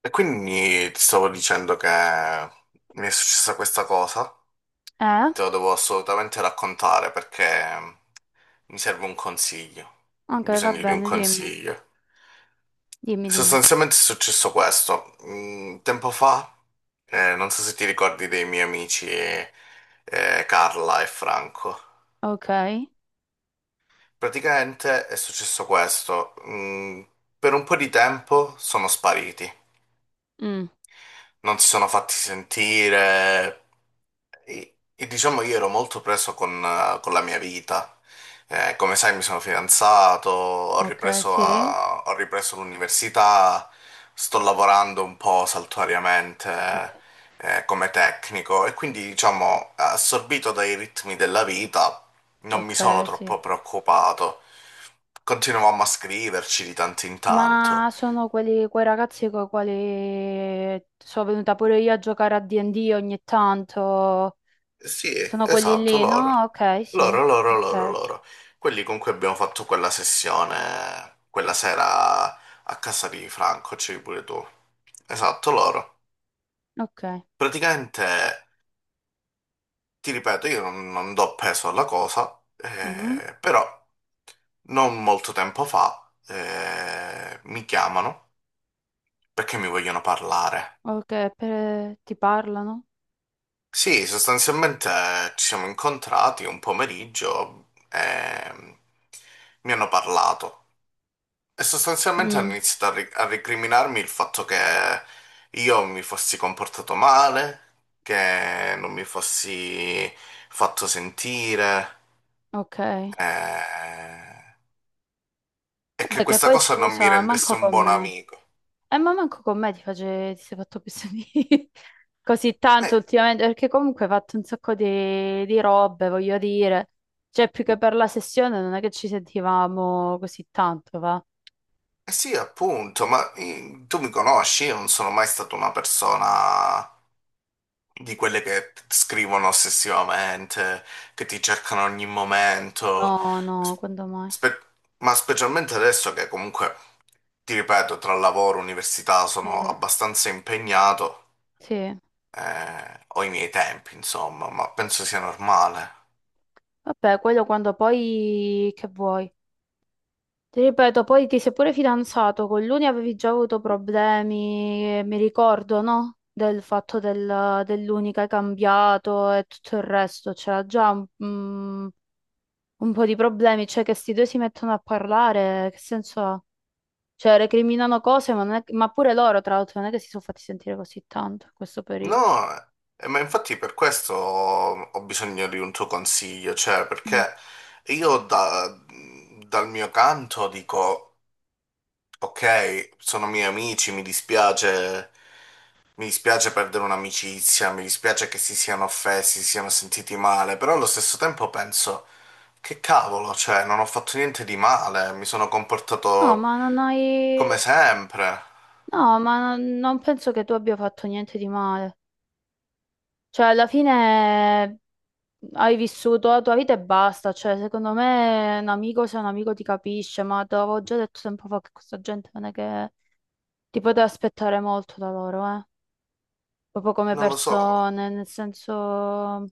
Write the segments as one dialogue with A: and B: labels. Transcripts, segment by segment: A: E quindi ti stavo dicendo che mi è successa questa cosa,
B: Eh?
A: te lo devo assolutamente raccontare perché mi serve un consiglio, ho
B: Ok, va
A: bisogno di un
B: bene, dimmi,
A: consiglio.
B: dimmi, dimmi.
A: Sostanzialmente è successo questo, tempo fa, non so se ti ricordi dei miei amici Carla e Franco.
B: Ok.
A: Praticamente è successo questo, per un po' di tempo sono spariti,
B: Mm.
A: non si sono fatti sentire. E diciamo io ero molto preso con la mia vita. Come sai, mi sono fidanzato,
B: Ok, sì.
A: ho ripreso l'università, sto lavorando un po'
B: Sì,
A: saltuariamente, come tecnico e quindi, diciamo, assorbito dai ritmi della vita, non mi sono
B: ok, sì.
A: troppo preoccupato. Continuavamo a scriverci di tanto in tanto.
B: Ma sono quelli, quei ragazzi con i quali sono venuta pure io a giocare a D&D ogni tanto.
A: Sì,
B: Sono quelli
A: esatto,
B: lì,
A: loro.
B: no? Ok, sì.
A: Loro, loro, loro,
B: Ok,
A: loro. Quelli con cui abbiamo fatto quella sessione, quella sera a casa di Franco, c'eri pure tu. Esatto, loro.
B: ok.
A: Praticamente, ti ripeto, io non do peso alla cosa,
B: Mm.
A: però non molto tempo fa mi chiamano perché mi vogliono parlare.
B: Ok, ti parlano?
A: Sì, sostanzialmente ci siamo incontrati un pomeriggio e mi hanno parlato. E sostanzialmente hanno
B: Mm,
A: iniziato a recriminarmi il fatto che io mi fossi comportato male, che non mi fossi fatto sentire,
B: ok.
A: eh, e che
B: Vabbè, che
A: questa
B: poi
A: cosa non mi
B: scusa,
A: rendesse
B: manco
A: un
B: con
A: buon
B: me.
A: amico.
B: Ma manco con me ti sei fatto pessimi così tanto
A: Eh,
B: ultimamente, perché comunque hai fatto un sacco di robe, voglio dire. Cioè, più che per la sessione non è che ci sentivamo così tanto, va?
A: eh sì, appunto, ma tu mi conosci, io non sono mai stata una persona di quelle scrivono ossessivamente, che ti cercano a ogni momento,
B: No, no, quando mai?
A: Spe- ma specialmente adesso che comunque... Ti ripeto, tra lavoro e università
B: Sì,
A: sono abbastanza impegnato,
B: sì.
A: ho i miei tempi, insomma, ma penso sia normale.
B: Vabbè, quello quando poi che vuoi. Ti ripeto, poi ti sei pure fidanzato, con l'Uni avevi già avuto problemi, mi ricordo, no? Del fatto dell'Uni che hai cambiato e tutto il resto, c'era già un un po' di problemi, cioè che sti due si mettono a parlare, che senso ha? Cioè, recriminano cose, ma, non è- ma pure loro, tra l'altro, non è che si sono fatti sentire così tanto in questo periodo.
A: No, ma infatti per questo ho bisogno di un tuo consiglio, cioè
B: Mm.
A: perché io da- dal mio canto dico, ok, sono miei amici, mi dispiace perdere un'amicizia, mi dispiace che si siano offesi, si siano sentiti male, però allo stesso tempo penso... Che cavolo, cioè, non ho fatto niente di male, mi sono
B: No,
A: comportato
B: ma non hai...
A: come sempre.
B: No, ma non penso che tu abbia fatto niente di male. Cioè, alla fine hai vissuto la tua vita e basta. Cioè, secondo me un amico se un amico ti capisce, ma te l'avevo già detto tempo fa che questa gente non è che ti poteva aspettare molto da loro, eh. Proprio come
A: Non lo so,
B: persone, nel senso...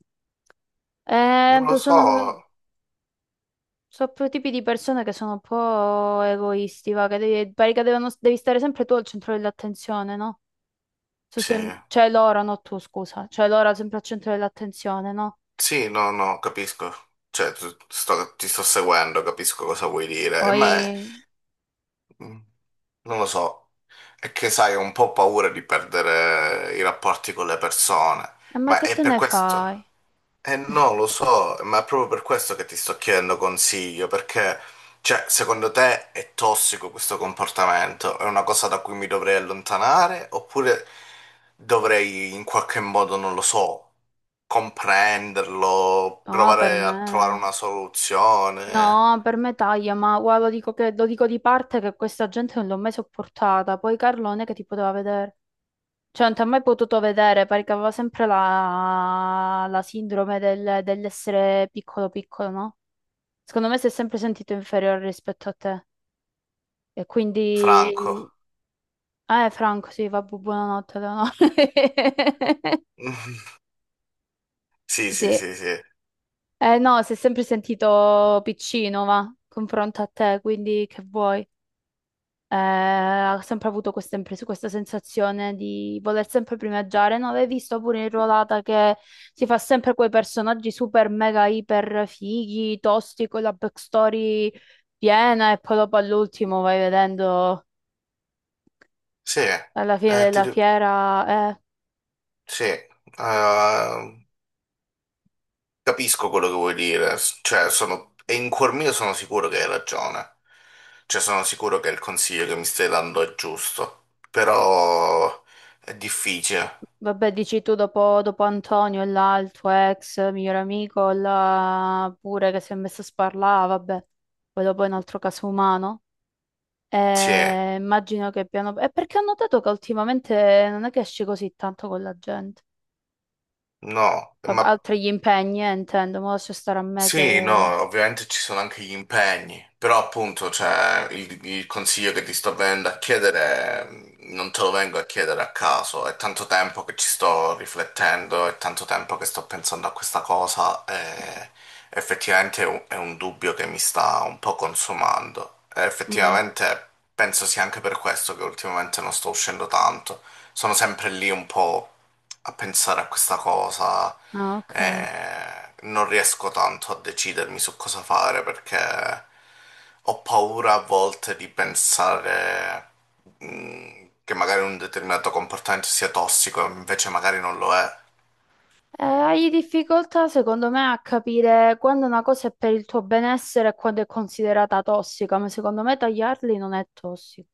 A: non lo
B: Sono,
A: so.
B: so quei tipi di persone che sono un po' egoisti, va, che devi, pare devi stare sempre tu al centro dell'attenzione, no?
A: Sì,
B: Cioè loro, no tu, scusa, cioè loro sempre al centro dell'attenzione, no?
A: sì, no, no, capisco. Cioè, ti sto seguendo, capisco cosa vuoi dire.
B: Poi,
A: Mm, non lo so. È che, sai, ho un po' paura di perdere i rapporti con le persone,
B: ma
A: ma
B: che
A: è
B: te
A: per
B: ne
A: questo.
B: fai?
A: Eh no, lo so, ma è proprio per questo che ti sto chiedendo consiglio, perché, cioè, secondo te è tossico questo comportamento? È una cosa da cui mi dovrei allontanare? Oppure dovrei in qualche modo, non lo so, comprenderlo,
B: No, per
A: provare
B: me,
A: a trovare una soluzione?
B: no, per me taglia, ma guarda, lo dico, lo dico di parte che questa gente non l'ho mai sopportata, poi Carlone che ti poteva vedere. Cioè, non ti ha mai potuto vedere perché aveva sempre la sindrome dell'essere piccolo piccolo, no? Secondo me si è sempre sentito inferiore rispetto a te. E quindi...
A: Franco.
B: Franco, sì, vabbè, buonanotte, Leonora.
A: Sì, sì,
B: Sì.
A: sì, sì.
B: No, si è sempre sentito piccino, va, confronto a te, quindi che vuoi? Ha sempre avuto questa sensazione di voler sempre primeggiare. Non l'hai visto pure in Ruolata che si fa sempre quei personaggi super mega iper fighi, tosti, con la backstory piena e poi dopo all'ultimo vai vedendo
A: Sì,
B: alla fine della fiera,
A: sì, capisco quello che vuoi dire, cioè, sono, e in cuor mio sono sicuro che hai ragione. Cioè, sono sicuro che il consiglio che mi stai dando è giusto, però è difficile.
B: vabbè, dici tu dopo Antonio e là il tuo ex miglior amico, là pure che si è messo a sparlare, vabbè, poi dopo è un altro caso umano.
A: Sì,
B: Immagino che piano... È perché ho notato che ultimamente non è che esci così tanto con la gente.
A: no, ma.
B: Vabbè, altri gli impegni, intendo, ma lascia stare a me
A: Sì,
B: che...
A: no, ovviamente ci sono anche gli impegni, però appunto, cioè, il consiglio che ti sto venendo a chiedere, non te lo vengo a chiedere a caso, è tanto tempo che ci sto riflettendo, è tanto tempo che sto pensando a questa cosa e effettivamente è un dubbio che mi sta un po' consumando. E
B: Mm.
A: effettivamente penso sia anche per questo che ultimamente non sto uscendo tanto, sono sempre lì un po' a pensare a questa cosa
B: Ah, ok.
A: e non riesco tanto a decidermi su cosa fare perché ho paura a volte di pensare che magari un determinato comportamento sia tossico, invece magari non lo è.
B: Hai difficoltà, secondo me, a capire quando una cosa è per il tuo benessere e quando è considerata tossica, ma secondo me tagliarli non è tossico.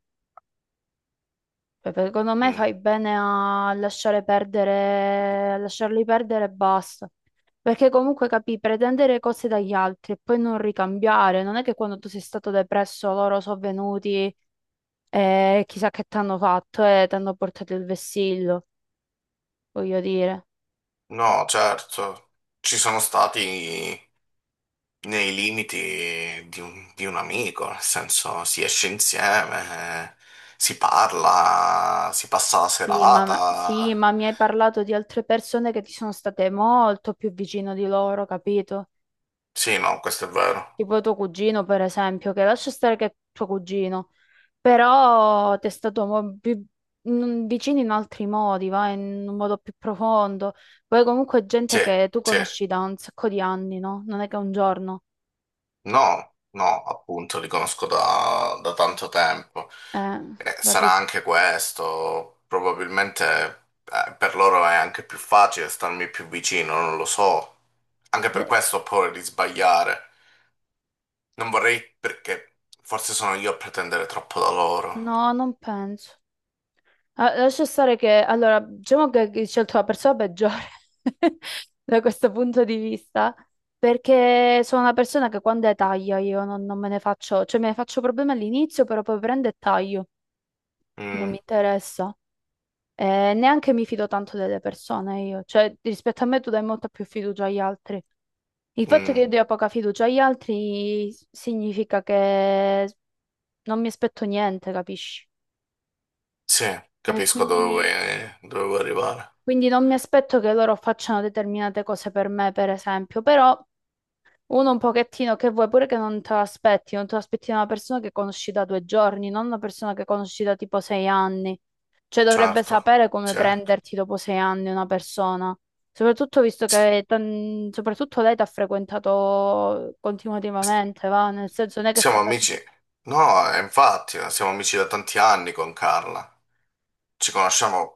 B: Cioè, secondo me
A: Mm.
B: fai bene a lasciare perdere, a lasciarli perdere e basta. Perché comunque capì, pretendere cose dagli altri e poi non ricambiare, non è che quando tu sei stato depresso loro sono venuti e chissà che ti hanno fatto e ti hanno portato il vessillo, voglio dire.
A: No, certo, ci sono stati nei limiti di un amico, nel senso si esce insieme, si parla, si passa la
B: Sì, sì,
A: serata.
B: ma mi hai parlato di altre persone che ti sono state molto più vicino di loro, capito?
A: Sì, no, questo è vero.
B: Tipo tuo cugino, per esempio, che lascia stare che è tuo cugino. Però testatomo più vicini in altri modi, va in un modo più profondo. Poi comunque è
A: Sì,
B: gente che tu
A: sì.
B: conosci da un sacco di anni, no? Non è che un giorno.
A: No, no, appunto, li conosco da tanto tempo.
B: Eh,
A: Sarà
B: capi-
A: anche questo, probabilmente per loro è anche più facile starmi più vicino, non lo so. Anche per
B: eh,
A: questo ho paura di sbagliare. Non vorrei perché forse sono io a pretendere troppo da loro.
B: No, non penso. Ah, lascia stare che, allora, diciamo che hai scelto la persona peggiore da questo punto di vista, perché sono una persona che quando è taglia io non me ne faccio, cioè me ne faccio problemi all'inizio, però poi prendo e taglio, non
A: Mm,
B: mi interessa. Neanche mi fido tanto delle persone io, cioè rispetto a me tu dai molta più fiducia agli altri. Il fatto che
A: mm,
B: io dia poca fiducia agli altri significa che non mi aspetto niente, capisci?
A: sì,
B: E
A: capisco
B: quindi,
A: dove vuoi arrivare.
B: quindi non mi aspetto che loro facciano determinate cose per me, per esempio, però uno un pochettino che vuoi pure che non te l'aspetti, non te l'aspetti da una persona che conosci da 2 giorni, non una persona che conosci da tipo 6 anni. Cioè dovrebbe
A: Certo,
B: sapere come
A: certo.
B: prenderti dopo 6 anni una persona. Soprattutto visto soprattutto lei ti ha frequentato
A: S-
B: continuativamente, va? Nel senso non è che è
A: Siamo
B: stata tipo...
A: amici. No, infatti, siamo amici da tanti anni con Carla. Ci conosciamo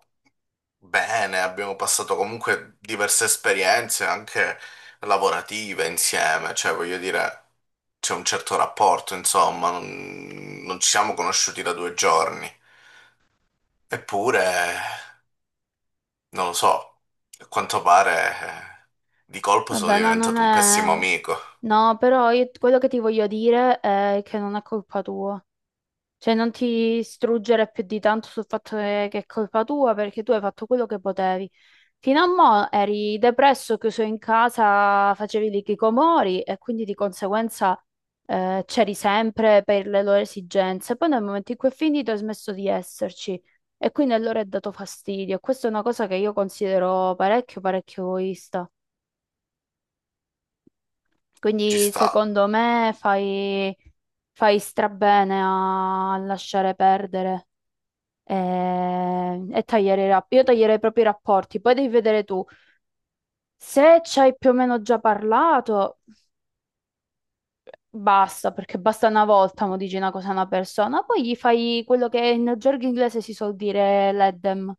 A: bene, abbiamo passato comunque diverse esperienze anche lavorative insieme, cioè voglio dire, c'è un certo rapporto, insomma, non ci siamo conosciuti da due giorni. Eppure, non lo so, a quanto pare di colpo sono
B: Vabbè, ma non
A: diventato un pessimo
B: è....
A: amico.
B: No, quello che ti voglio dire è che non è colpa tua. Cioè, non ti struggere più di tanto sul fatto che è colpa tua perché tu hai fatto quello che potevi. Fino a mo' eri depresso, chiuso in casa, facevi i chicomori e quindi di conseguenza c'eri sempre per le loro esigenze. Poi nel momento in cui è finito hai smesso di esserci e quindi allora è dato fastidio. Questa è una cosa che io considero parecchio, parecchio egoista.
A: Ci
B: Quindi
A: sta.
B: secondo me fai strabene a lasciare perdere, e tagliare i rapporti. Io taglierei proprio i rapporti, poi devi vedere tu. Se ci hai più o meno già parlato, basta, perché basta una volta mo dici una cosa a una persona, poi gli fai quello che in gergo inglese si suol dire l'eddem,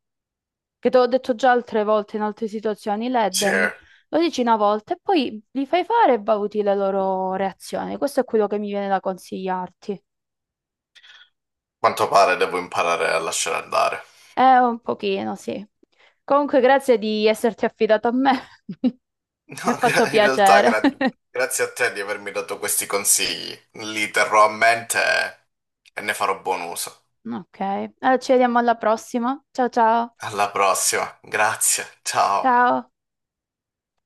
B: che te l'ho detto già altre volte in altre situazioni,
A: Sì,
B: l'eddem.
A: a
B: Lo dici una volta e poi li fai fare e valuti le loro reazioni. Questo è quello che mi viene da consigliarti.
A: quanto pare devo imparare a lasciare andare.
B: Un pochino, sì. Comunque, grazie di esserti affidato a me. Mi ha
A: No,
B: fatto
A: in realtà
B: piacere.
A: grazie a te di avermi dato questi consigli. Li terrò a mente e ne farò buon uso.
B: Ok, allora ci vediamo alla prossima. Ciao ciao.
A: Alla prossima, grazie, ciao.
B: Ciao.